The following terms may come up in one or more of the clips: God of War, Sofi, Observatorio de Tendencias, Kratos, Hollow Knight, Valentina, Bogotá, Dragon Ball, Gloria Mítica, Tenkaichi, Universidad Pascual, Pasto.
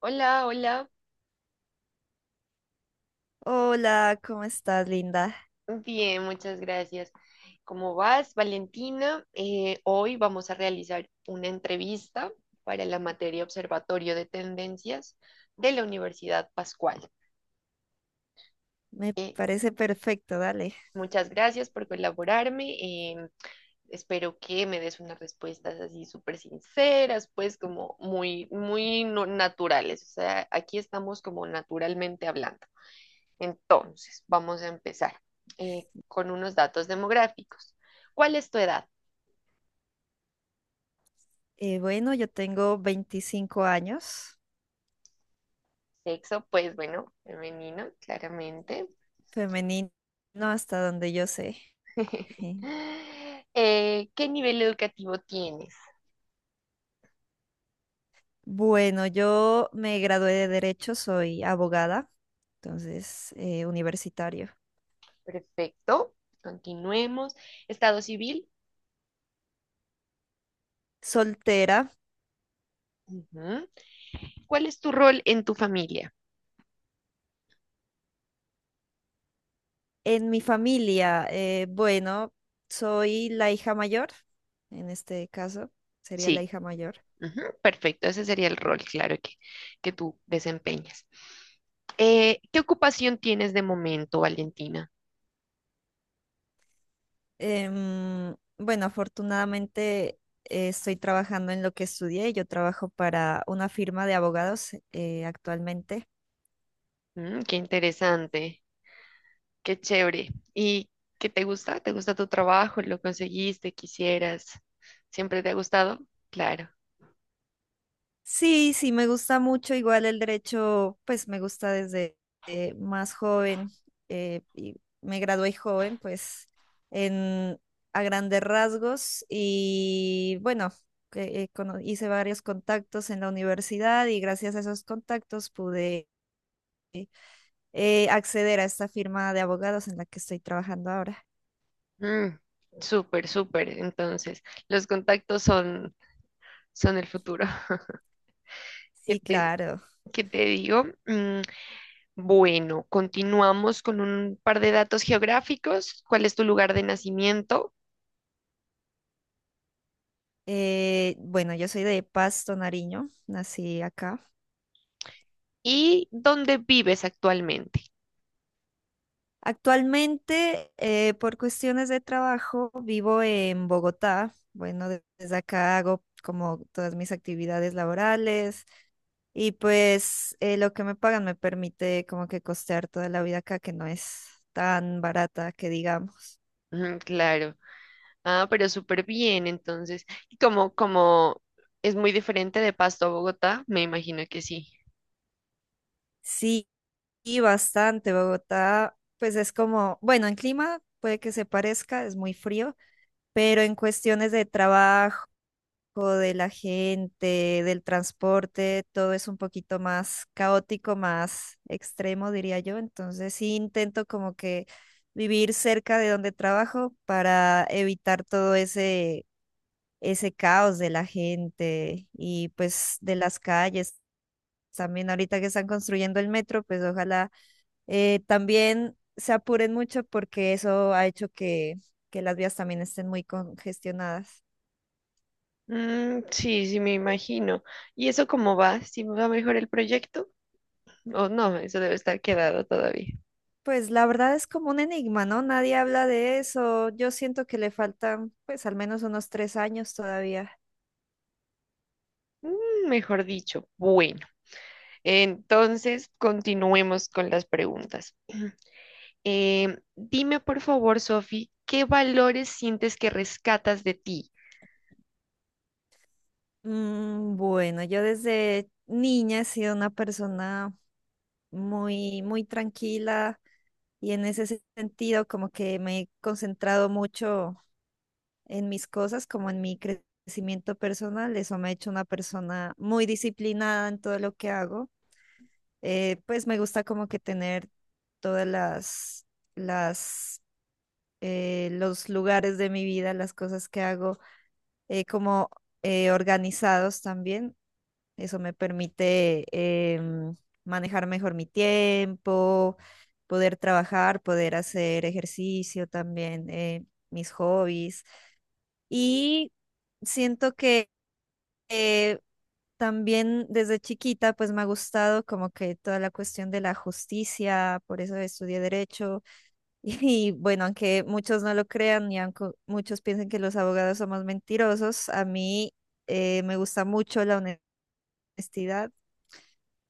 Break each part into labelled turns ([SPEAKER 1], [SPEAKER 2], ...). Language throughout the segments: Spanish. [SPEAKER 1] Hola, hola.
[SPEAKER 2] Hola, ¿cómo estás, linda?
[SPEAKER 1] Bien, muchas gracias. ¿Cómo vas, Valentina? Hoy vamos a realizar una entrevista para la materia Observatorio de Tendencias de la Universidad Pascual.
[SPEAKER 2] Me
[SPEAKER 1] Eh,
[SPEAKER 2] parece perfecto, dale.
[SPEAKER 1] Muchas gracias por colaborarme. Espero que me des unas respuestas así súper sinceras, pues como muy, muy no- naturales. O sea, aquí estamos como naturalmente hablando. Entonces, vamos a empezar con unos datos demográficos. ¿Cuál es tu edad?
[SPEAKER 2] Bueno, yo tengo 25 años,
[SPEAKER 1] Sexo, pues bueno, femenino, claramente.
[SPEAKER 2] femenino hasta donde yo sé.
[SPEAKER 1] ¿Qué nivel educativo tienes?
[SPEAKER 2] Bueno, yo me gradué de Derecho, soy abogada, entonces universitario.
[SPEAKER 1] Perfecto. Continuemos. Estado civil.
[SPEAKER 2] Soltera.
[SPEAKER 1] Ujú. ¿Cuál es tu rol en tu familia?
[SPEAKER 2] En mi familia, bueno, soy la hija mayor, en este caso, sería la
[SPEAKER 1] Sí.
[SPEAKER 2] hija mayor.
[SPEAKER 1] Ujú, perfecto. Ese sería el rol, claro, que tú desempeñas. ¿Qué ocupación tienes de momento, Valentina?
[SPEAKER 2] Bueno, afortunadamente estoy trabajando en lo que estudié. Yo trabajo para una firma de abogados actualmente.
[SPEAKER 1] Mm, qué interesante. Qué chévere. ¿Y qué te gusta? ¿Te gusta tu trabajo? ¿Lo conseguiste? ¿Quisieras? ¿Siempre te ha gustado? Claro.
[SPEAKER 2] Sí, sí, me gusta mucho. Igual el derecho, pues me gusta desde más joven. Y me gradué joven, pues en, a grandes rasgos. Y bueno, hice varios contactos en la universidad y gracias a esos contactos pude... acceder a esta firma de abogados en la que estoy trabajando ahora.
[SPEAKER 1] Mm, súper, súper. Entonces, los contactos son, son el futuro. ¿Qué
[SPEAKER 2] Sí,
[SPEAKER 1] te,
[SPEAKER 2] claro.
[SPEAKER 1] ¿Qué te digo? Mm, bueno, continuamos con un par de datos geográficos. ¿Cuál es tu lugar de nacimiento
[SPEAKER 2] Bueno, yo soy de Pasto, Nariño, nací acá.
[SPEAKER 1] y dónde vives actualmente?
[SPEAKER 2] Actualmente, por cuestiones de trabajo, vivo en Bogotá. Bueno, desde acá hago como todas mis actividades laborales y pues lo que me pagan me permite como que costear toda la vida acá, que no es tan barata que digamos.
[SPEAKER 1] Mm, claro. Ah, pero súper bien, entonces, y como es muy diferente de Pasto a Bogotá, me imagino que sí.
[SPEAKER 2] Sí, y bastante. Bogotá, pues es como, bueno, en clima puede que se parezca, es muy frío, pero en cuestiones de trabajo, de la gente, del transporte, todo es un poquito más caótico, más extremo, diría yo. Entonces sí intento como que vivir cerca de donde trabajo para evitar todo ese caos de la gente y pues de las calles. También ahorita que están construyendo el metro, pues ojalá también se apuren mucho porque eso ha hecho que las vías también estén muy congestionadas.
[SPEAKER 1] Mm, sí, sí, me imagino. ¿Y eso cómo va? ¿Si va mejor el proyecto? O no, eso debe estar quedado todavía.
[SPEAKER 2] Pues la verdad es como un enigma, ¿no? Nadie habla de eso. Yo siento que le faltan pues al menos unos 3 años todavía.
[SPEAKER 1] Mm, mejor dicho, bueno. Entonces, continuemos con las preguntas. Dime, por favor, Sofi, ¿qué valores sientes que rescatas de ti?
[SPEAKER 2] Bueno, yo desde niña he sido una persona muy, muy tranquila y en ese sentido como que me he concentrado mucho en mis cosas como en mi crecimiento personal. Eso me ha hecho una persona muy disciplinada en todo lo que hago. Pues me gusta como que tener todas las, las, los lugares de mi vida, las cosas que hago, como organizados también. Eso me permite manejar mejor mi tiempo, poder trabajar, poder hacer ejercicio también, mis hobbies. Y siento que eh, también desde chiquita pues me ha gustado como que toda la cuestión de la justicia, por eso estudié derecho y, bueno, aunque muchos no lo crean y aunque muchos piensen que los abogados somos mentirosos, a mí me gusta mucho la honestidad,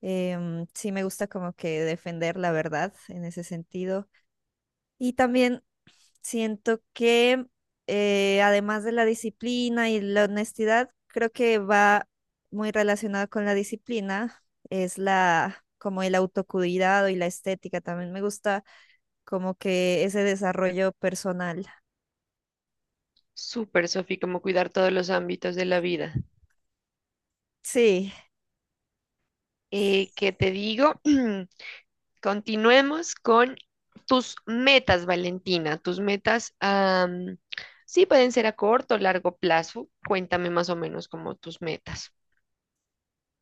[SPEAKER 2] sí me gusta como que defender la verdad en ese sentido. Y también siento que además de la disciplina y la honestidad, creo que va muy relacionado con la disciplina, es la como el autocuidado y la estética. También me gusta como que ese desarrollo personal.
[SPEAKER 1] Súper, Sofi, como cuidar todos los ámbitos de la vida.
[SPEAKER 2] Sí,
[SPEAKER 1] ¿Qué te digo? Continuemos con tus metas, Valentina. Tus metas, sí, pueden ser a corto o largo plazo. Cuéntame más o menos como tus metas.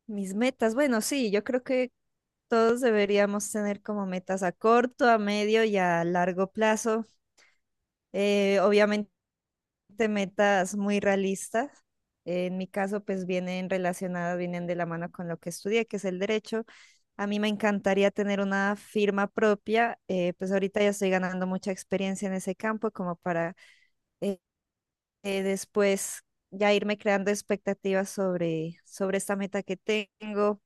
[SPEAKER 2] mis metas. Bueno, sí, yo creo que todos deberíamos tener como metas a corto, a medio y a largo plazo. Obviamente de metas muy realistas. En mi caso, pues vienen relacionadas, vienen de la mano con lo que estudié, que es el derecho. A mí me encantaría tener una firma propia, pues ahorita ya estoy ganando mucha experiencia en ese campo como para eh, después ya irme creando expectativas sobre esta meta que tengo,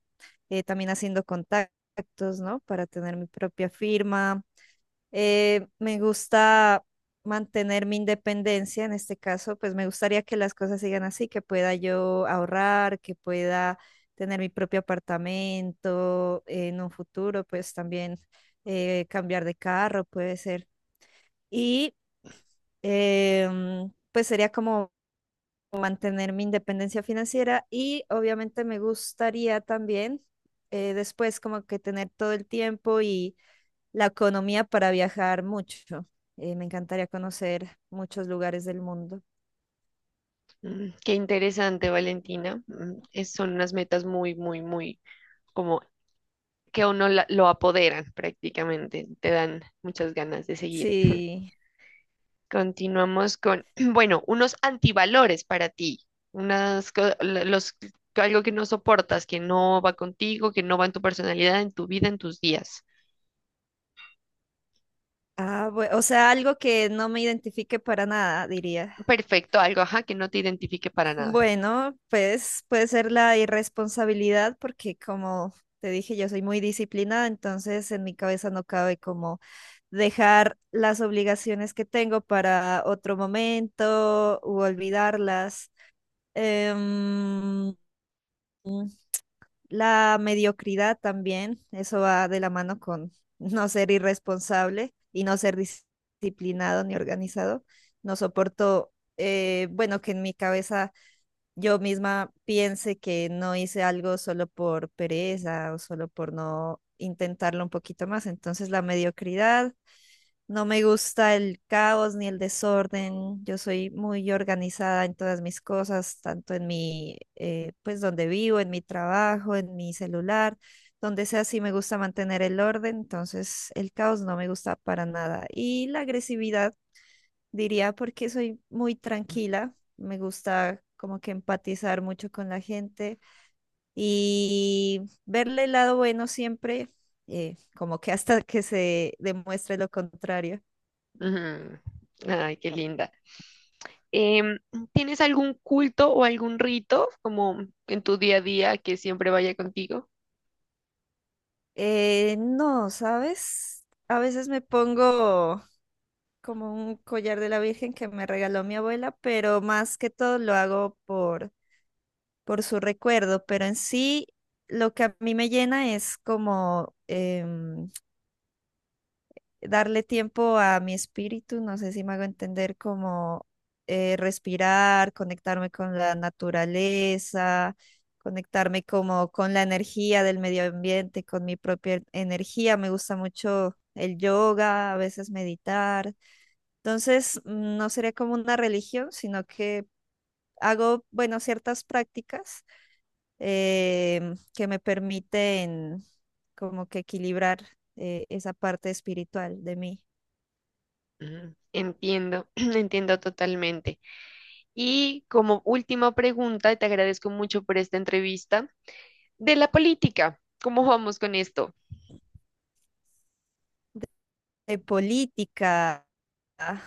[SPEAKER 2] también haciendo contactos, ¿no? Para tener mi propia firma me gusta mantener mi independencia, en este caso, pues me gustaría que las cosas sigan así, que pueda yo ahorrar, que pueda tener mi propio apartamento en un futuro, pues también cambiar de carro puede ser. Y pues sería como mantener mi independencia financiera y obviamente me gustaría también después como que tener todo el tiempo y la economía para viajar mucho. Me encantaría conocer muchos lugares del mundo.
[SPEAKER 1] Mm, qué interesante, Valentina. Mm, son unas metas muy como que a uno lo apoderan prácticamente. Te dan muchas ganas de seguir.
[SPEAKER 2] Sí.
[SPEAKER 1] Continuamos con, bueno, unos antivalores para ti, unas, co- la- los, algo que no soportas, que no va contigo, que no va en tu personalidad, en tu vida, en tus días.
[SPEAKER 2] Ah, o sea, algo que no me identifique para nada, diría.
[SPEAKER 1] Perfecto, algo, ajá, que no te identifique para nada.
[SPEAKER 2] Bueno, pues puede ser la irresponsabilidad porque como te dije, yo soy muy disciplinada, entonces en mi cabeza no cabe como dejar las obligaciones que tengo para otro momento u olvidarlas. Em, la mediocridad también, eso va de la mano con no ser irresponsable y no ser disciplinado ni organizado. No soporto, bueno, que en mi cabeza yo misma piense que no hice algo solo por pereza o solo por no intentarlo un poquito más. Entonces la mediocridad, no me gusta el caos ni el desorden. Yo soy muy organizada en todas mis cosas, tanto en pues donde vivo, en mi trabajo, en mi celular. Donde sea, sí me gusta mantener el orden, entonces el caos no me gusta para nada. Y la agresividad diría porque soy muy tranquila, me gusta como que empatizar mucho con la gente y verle el lado bueno siempre, como que hasta que se demuestre lo contrario.
[SPEAKER 1] Ujú. Ay, qué linda. Em, ¿Tienes algún culto o algún rito como en tu día a día que siempre vaya contigo?
[SPEAKER 2] No, ¿sabes? A veces me pongo como un collar de la Virgen que me regaló mi abuela, pero más que todo lo hago por su recuerdo, pero en sí lo que a mí me llena es como darle tiempo a mi espíritu, no sé si me hago entender como respirar, conectarme con la naturaleza, conectarme como con la energía del medio ambiente, con mi propia energía. Me gusta mucho el yoga, a veces meditar. Entonces, no sería como una religión, sino que hago, bueno, ciertas prácticas que me permiten como que equilibrar esa parte espiritual de mí.
[SPEAKER 1] Mm, entiendo, entiendo totalmente. Y como última pregunta, te agradezco mucho por esta entrevista de la política. ¿Cómo vamos con esto?
[SPEAKER 2] Política. ah,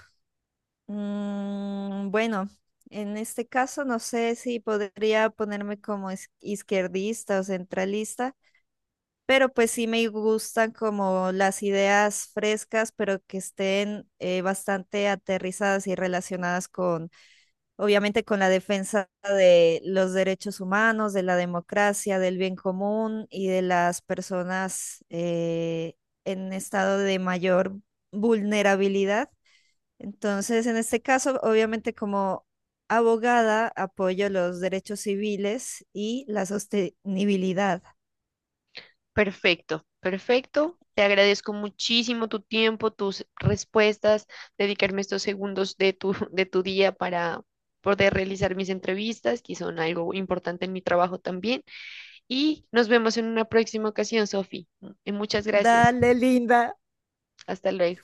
[SPEAKER 2] bueno, en este caso no sé si podría ponerme como izquierdista o centralista. Pero pues sí me gustan como las ideas frescas, pero que estén bastante aterrizadas y relacionadas con, obviamente, con la defensa de los derechos humanos, de la democracia, del bien común y de las personas en estado de mayor vulnerabilidad. Entonces, en este caso, obviamente, como abogada, apoyo los derechos civiles y la sostenibilidad.
[SPEAKER 1] Perfecto, perfecto. Te agradezco muchísimo tu tiempo, tus respuestas, dedicarme estos segundos de tu, de tu día para poder realizar mis entrevistas, que son algo importante en mi trabajo también. Y nos vemos en una próxima ocasión, Sofi. Muchas gracias.
[SPEAKER 2] Dale, linda.
[SPEAKER 1] Hasta luego.